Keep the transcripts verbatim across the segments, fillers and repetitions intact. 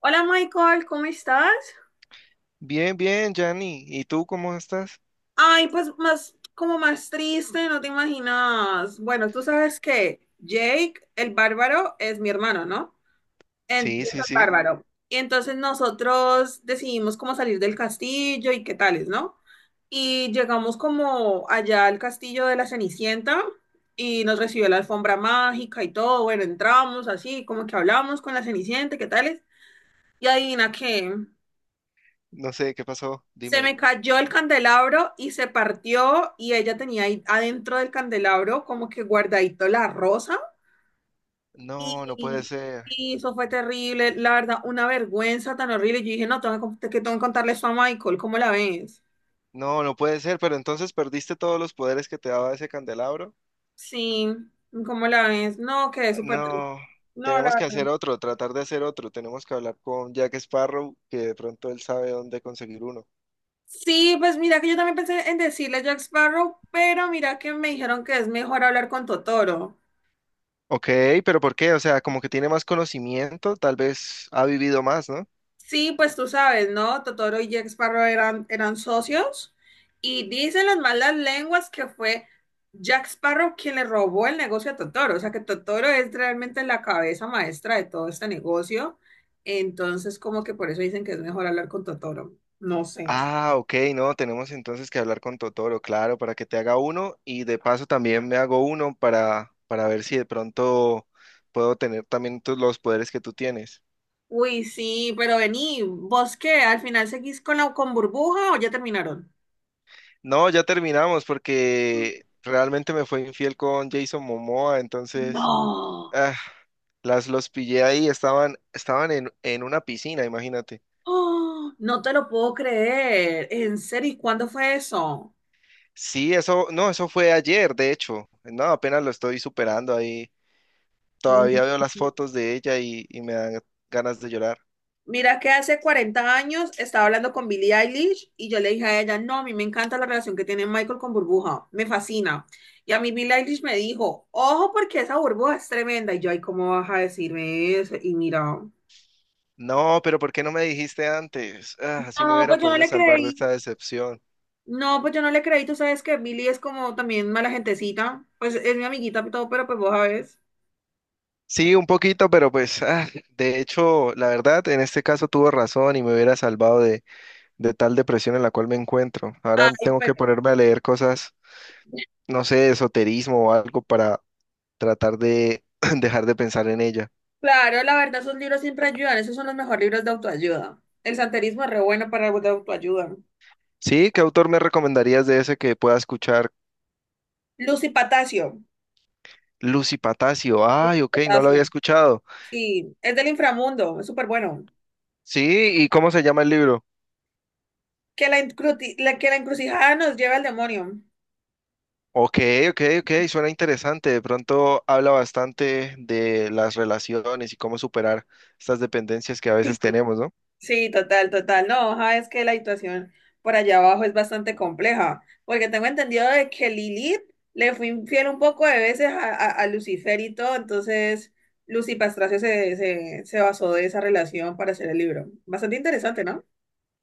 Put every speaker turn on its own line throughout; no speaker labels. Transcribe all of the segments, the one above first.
Hola Michael, ¿cómo estás?
Bien, bien, Yanni. ¿Y tú cómo estás?
Ay, pues más, como más triste, no te imaginas. Bueno, tú sabes que Jake, el bárbaro, es mi hermano, ¿no? En-
Sí,
Jake el
sí, sí.
bárbaro. Y entonces nosotros decidimos cómo salir del castillo y qué tales, ¿no? Y llegamos como allá al castillo de la Cenicienta y nos recibió la alfombra mágica y todo. Bueno, entramos así, como que hablamos con la Cenicienta, qué tales. Y adivina qué.
No sé, ¿qué pasó?
Se
Dime.
me cayó el candelabro y se partió y ella tenía ahí adentro del candelabro como que guardadito la rosa
No, no puede
y,
ser.
y eso fue terrible, la verdad, una vergüenza tan horrible. Yo dije, no, tengo que, con- que tengo que contarle eso a Michael, ¿cómo la ves?
No, no puede ser, pero entonces perdiste todos los poderes que te daba ese candelabro.
Sí, ¿cómo la ves? No, quedé súper triste.
No,
No, la
tenemos que hacer
verdad.
otro, tratar de hacer otro. Tenemos que hablar con Jack Sparrow, que de pronto él sabe dónde conseguir uno.
Sí, pues mira que yo también pensé en decirle a Jack Sparrow, pero mira que me dijeron que es mejor hablar con Totoro.
Ok, pero ¿por qué? O sea, como que tiene más conocimiento, tal vez ha vivido más, ¿no?
Sí, pues tú sabes, ¿no? Totoro y Jack Sparrow eran, eran socios y dicen las malas lenguas que fue Jack Sparrow quien le robó el negocio a Totoro, o sea que Totoro es realmente la cabeza maestra de todo este negocio, entonces como que por eso dicen que es mejor hablar con Totoro, no sé.
Ah, ok, no, tenemos entonces que hablar con Totoro, claro, para que te haga uno y de paso también me hago uno para, para ver si de pronto puedo tener también tú- los poderes que tú tienes.
Uy, sí, pero vení, ¿vos qué? ¿Al final seguís con la con Burbuja o ya terminaron?
No, ya terminamos porque realmente me fue infiel con Jason Momoa, entonces
No,
ah, las los pillé ahí, estaban, estaban en, en una piscina, imagínate.
¡Oh! No te lo puedo creer, en serio, ¿y cuándo fue eso?
Sí, eso, no, eso fue ayer, de hecho. No, apenas lo estoy superando ahí.
Mm.
Todavía veo las fotos de ella y, y me dan ganas de llorar.
Mira que hace cuarenta años estaba hablando con Billie Eilish y yo le dije a ella, no, a mí me encanta la relación que tiene Michael con Burbuja, me fascina. Y a mí Billie Eilish me dijo, ojo porque esa burbuja es tremenda. Y yo, ay, ¿cómo vas a decirme eso? Y mira,
No, pero ¿por qué no me dijiste antes? Ah, así me
no,
hubiera
pues yo no
podido
le
salvar de esta
creí.
decepción.
No, pues yo no le creí. Tú sabes que Billie es como también mala gentecita. Pues es mi amiguita y todo, pero pues vos sabes.
Sí, un poquito, pero pues, ah, de hecho, la verdad, en este caso tuvo razón y me hubiera salvado de, de tal depresión en la cual me encuentro. Ahora
Ay,
tengo que
pero
ponerme a leer cosas, no sé, de esoterismo o algo para tratar de dejar de pensar en ella.
claro, la verdad, esos libros siempre ayudan. Esos son los mejores libros de autoayuda. El santerismo es re bueno para algo de autoayuda.
Sí, ¿qué autor me recomendarías de ese que pueda escuchar?
Lucy Patacio.
Lucy Patacio. Ay, ok, no lo
Patacio.
había escuchado.
Sí, es del inframundo, es súper bueno.
Sí, ¿y cómo se llama el libro?
Que la, encruti- la- que la encrucijada nos lleve al demonio.
Ok, ok, ok, suena interesante. De pronto habla bastante de las relaciones y cómo superar estas dependencias que a veces
Sí,
tenemos, ¿no?
sí, total, total. No, ajá, es que la situación por allá abajo es bastante compleja, porque tengo entendido de que Lilith le fue infiel un poco de veces a, a- a Lucifer y todo, entonces Lucy Pastracio se, se, se basó de esa relación para hacer el libro. Bastante interesante, ¿no?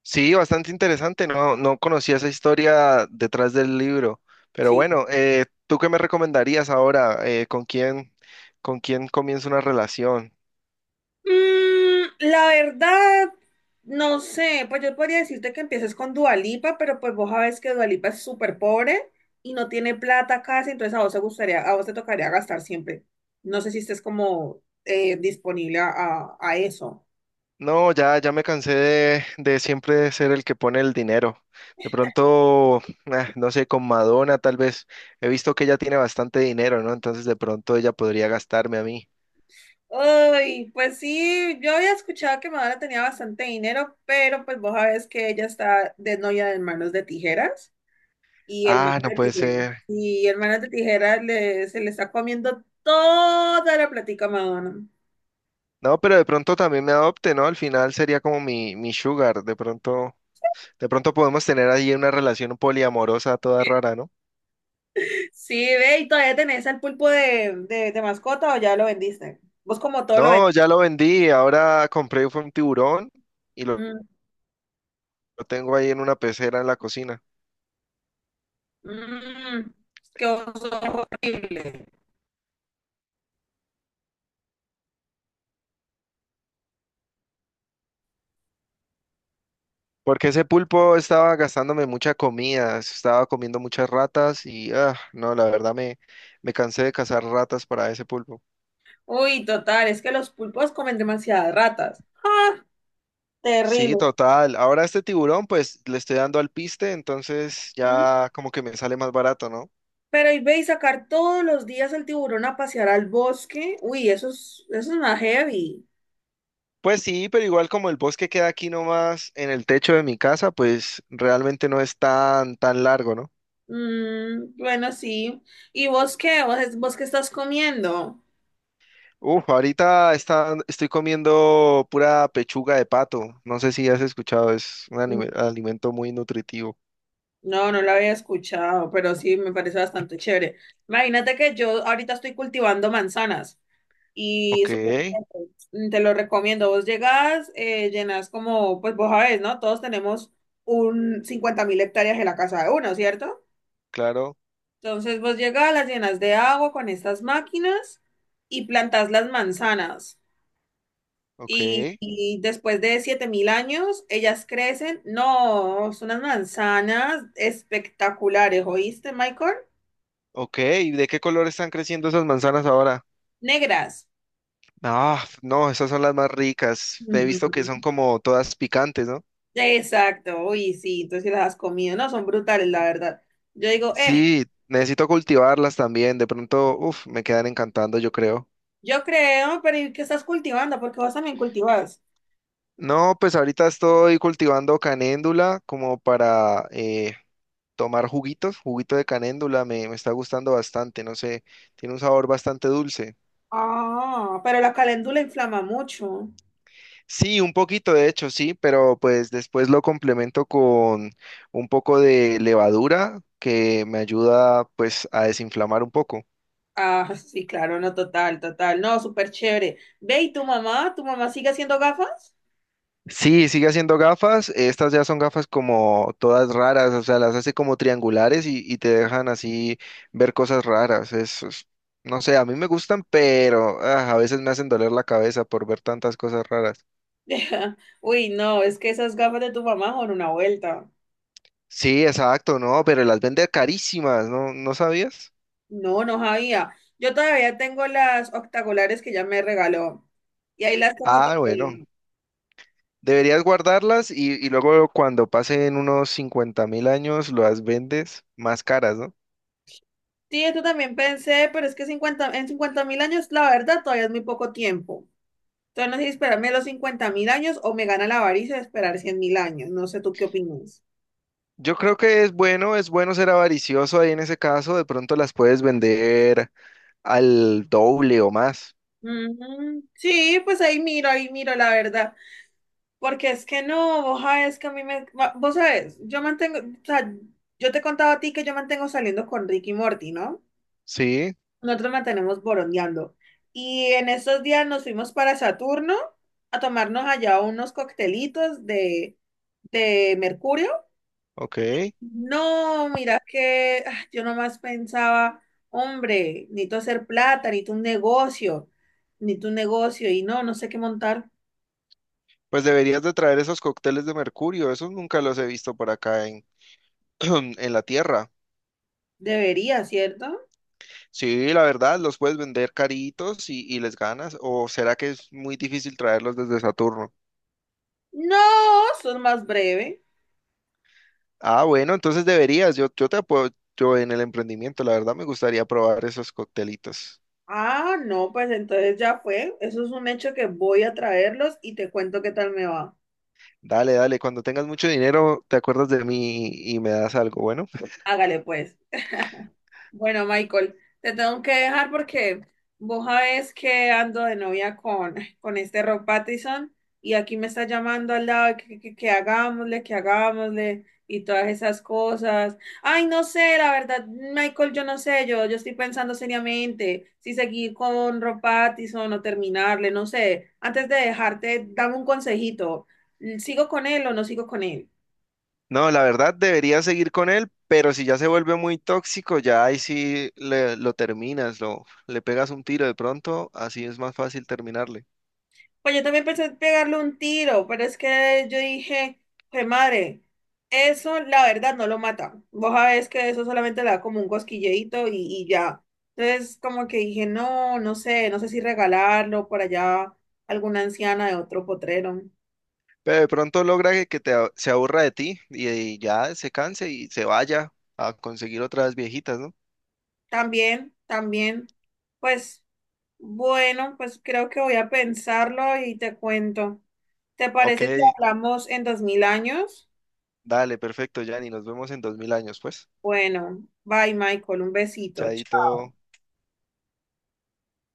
Sí, bastante interesante. No, no conocía esa historia detrás del libro. Pero
Sí.
bueno, eh, ¿tú qué me recomendarías ahora? Eh, ¿con quién, con quién comienzo una relación?
Mm, la verdad, no sé, pues yo podría decirte que empieces con Dualipa, pero pues vos sabés que Dualipa es súper pobre y no tiene plata casi, entonces a vos te gustaría, a vos te tocaría gastar siempre. No sé si estés como eh, disponible a, a- a eso.
No, ya, ya me cansé de, de siempre ser el que pone el dinero. De pronto, ah, no sé, con Madonna tal vez. He visto que ella tiene bastante dinero, ¿no? Entonces de pronto ella podría gastarme a mí.
Ay, pues sí, yo había escuchado que Madonna tenía bastante dinero, pero pues vos sabés que ella está de novia de manos de tijeras. Y el man
Ah, no
de
puede
tijera.
ser.
Y el man de tijera le, se le está comiendo toda la platica a Madonna.
No, pero de pronto también me adopte, ¿no? Al final sería como mi, mi sugar. De pronto, de pronto podemos tener ahí una relación poliamorosa toda rara, ¿no?
Sí, ve, ¿y todavía tenés al pulpo de, de, de mascota o ya lo vendiste? Vos como todo lo
No,
vendiste.
ya lo vendí. Ahora compré fue un tiburón y lo
Mm,
lo tengo ahí en una pecera en la cocina.
mm, qué oso horrible.
Porque ese pulpo estaba gastándome mucha comida, estaba comiendo muchas ratas y ah, no, la verdad me, me cansé de cazar ratas para ese pulpo.
Uy, total, es que los pulpos comen demasiadas ratas. ¡Ah!
Sí,
Terrible.
total. Ahora este tiburón, pues le estoy dando al piste, entonces
¿Mm?
ya como que me sale más barato, ¿no?
Pero y ve y sacar todos los días el tiburón a pasear al bosque. Uy, eso es, eso es una heavy.
Pues sí, pero igual como el bosque queda aquí nomás en el techo de mi casa, pues realmente no es tan, tan largo, ¿no?
Mm, bueno, sí. ¿Y vos qué? ¿Vos, vos qué estás comiendo?
Uf, ahorita está, estoy comiendo pura pechuga de pato. No sé si has escuchado, es un
Mm,
anime- alimento muy nutritivo.
no, no lo había escuchado, pero sí me parece bastante chévere. Imagínate que yo ahorita estoy cultivando manzanas y
Ok,
es súper rico. Mm, te lo recomiendo. Vos llegás, eh, llenas como, pues vos sabés, ¿no? Todos tenemos un cincuenta mil hectáreas en la casa de uno, ¿cierto?
claro,
Entonces vos llegás, las llenas de agua con estas máquinas y plantás las manzanas.
ok,
Y, y después de siete mil años, ellas crecen. No, son unas manzanas espectaculares, ¿oíste, Michael?
ok. ¿Y de qué color están creciendo esas manzanas ahora?
Negras.
Ah, no, esas son las más ricas. He visto que son
Ujú.
como todas picantes, ¿no?
Exacto, uy, sí, entonces sí las has comido, no, son brutales, la verdad. Yo digo, eh,
Sí, necesito cultivarlas también. De pronto, uff, me quedan encantando, yo creo.
yo creo, pero ¿y qué estás cultivando? Porque vos también cultivas.
No, pues ahorita estoy cultivando canéndula como para eh, tomar juguitos, juguito de canéndula. Me, me está gustando bastante, no sé, tiene un sabor bastante dulce.
Ah, pero la caléndula inflama mucho.
Sí, un poquito de hecho, sí, pero pues después lo complemento con un poco de levadura que me ayuda pues a desinflamar un poco.
Ah, sí, claro, no, total, total, no, súper chévere. Ve, ¿y tu mamá? ¿Tu mamá sigue haciendo gafas?
Sí, sigue haciendo gafas, estas ya son gafas como todas raras, o sea, las hace como triangulares y, y te dejan así ver cosas raras. Es, es- no sé, a mí me gustan, pero ah, a veces me hacen doler la cabeza por ver tantas cosas raras.
Uy, no, es que esas gafas de tu mamá son una vuelta.
Sí, exacto, no, pero las vende carísimas, ¿no? ¿No sabías?
No, no sabía. Yo todavía tengo las octagolares que ya me regaló. Y ahí las tengo
Ah, bueno.
todavía.
Deberías guardarlas y, y luego cuando pasen unos cincuenta mil años las vendes más caras, ¿no?
Sí, esto también pensé, pero es que cincuenta en cincuenta mil años, la verdad, todavía es muy poco tiempo. Entonces, no sé si esperarme los cincuenta mil años o me gana la avaricia de esperar cien mil años. No sé tú qué opinas.
Yo creo que es bueno, es bueno ser avaricioso ahí en ese caso, de pronto las puedes vender al doble o más.
Mm, sí, pues ahí miro, ahí miro, la verdad. Porque es que no, vos sabés que a mí me. va- Vos sabés, yo mantengo. O sea, yo te he contado a ti que yo mantengo saliendo con Ricky y Morty, ¿no?
Sí,
Nosotros mantenemos borondeando. Y en estos días nos fuimos para Saturno a tomarnos allá unos coctelitos de, de mercurio.
ok.
No, mira que ah, yo nomás pensaba, hombre, necesito hacer plata, necesito un negocio, necesito un negocio. Y no, no sé qué montar.
Pues deberías de traer esos cócteles de mercurio, esos nunca los he visto por acá en, en la tierra.
Debería, ¿cierto?
Sí, la verdad, los puedes vender caritos y, y les ganas, o será que es muy difícil traerlos desde Saturno.
No, sos más breve.
Ah, bueno, entonces deberías. Yo, yo te apoyo en el emprendimiento. La verdad me gustaría probar esos coctelitos.
Ah, no, pues entonces ya fue. Eso es un hecho que voy a traerlos y te cuento qué tal me va.
Dale, dale. Cuando tengas mucho dinero, te acuerdas de mí y, y me das algo. Bueno,
Hágale pues. Bueno, Michael, te tengo que dejar porque vos sabés que ando de novia con, con este Rob Pattinson y aquí me está llamando al lado que, que, que hagámosle, que hagámosle y todas esas cosas. Ay, no sé, la verdad, Michael, yo no sé, yo, yo estoy pensando seriamente si seguir con Rob Pattinson o terminarle, no sé. Antes de dejarte, dame un consejito. ¿Sigo con él o no sigo con él?
no, la verdad debería seguir con él, pero si ya se vuelve muy tóxico, ya ahí sí le- lo terminas, lo, le pegas un tiro de pronto, así es más fácil terminarle.
Pues yo también pensé en pegarle un tiro, pero es que yo dije, pues madre, eso la verdad no lo mata. Vos sabés que eso solamente le da como un cosquilleito y, y ya. Entonces como que dije, no, no sé, no sé si regalarlo por allá a alguna anciana de otro potrero.
Pero de pronto logra que, que te, a- se aburra de ti y, y ya se canse y se vaya a conseguir otras viejitas, ¿no?
También, también, pues bueno, pues creo que voy a pensarlo y te cuento. ¿Te
Ok,
parece si hablamos en dos mil años?
dale, perfecto, Yanni. Nos vemos en dos mil años, pues.
Bueno, bye Michael, un besito.
Chaito.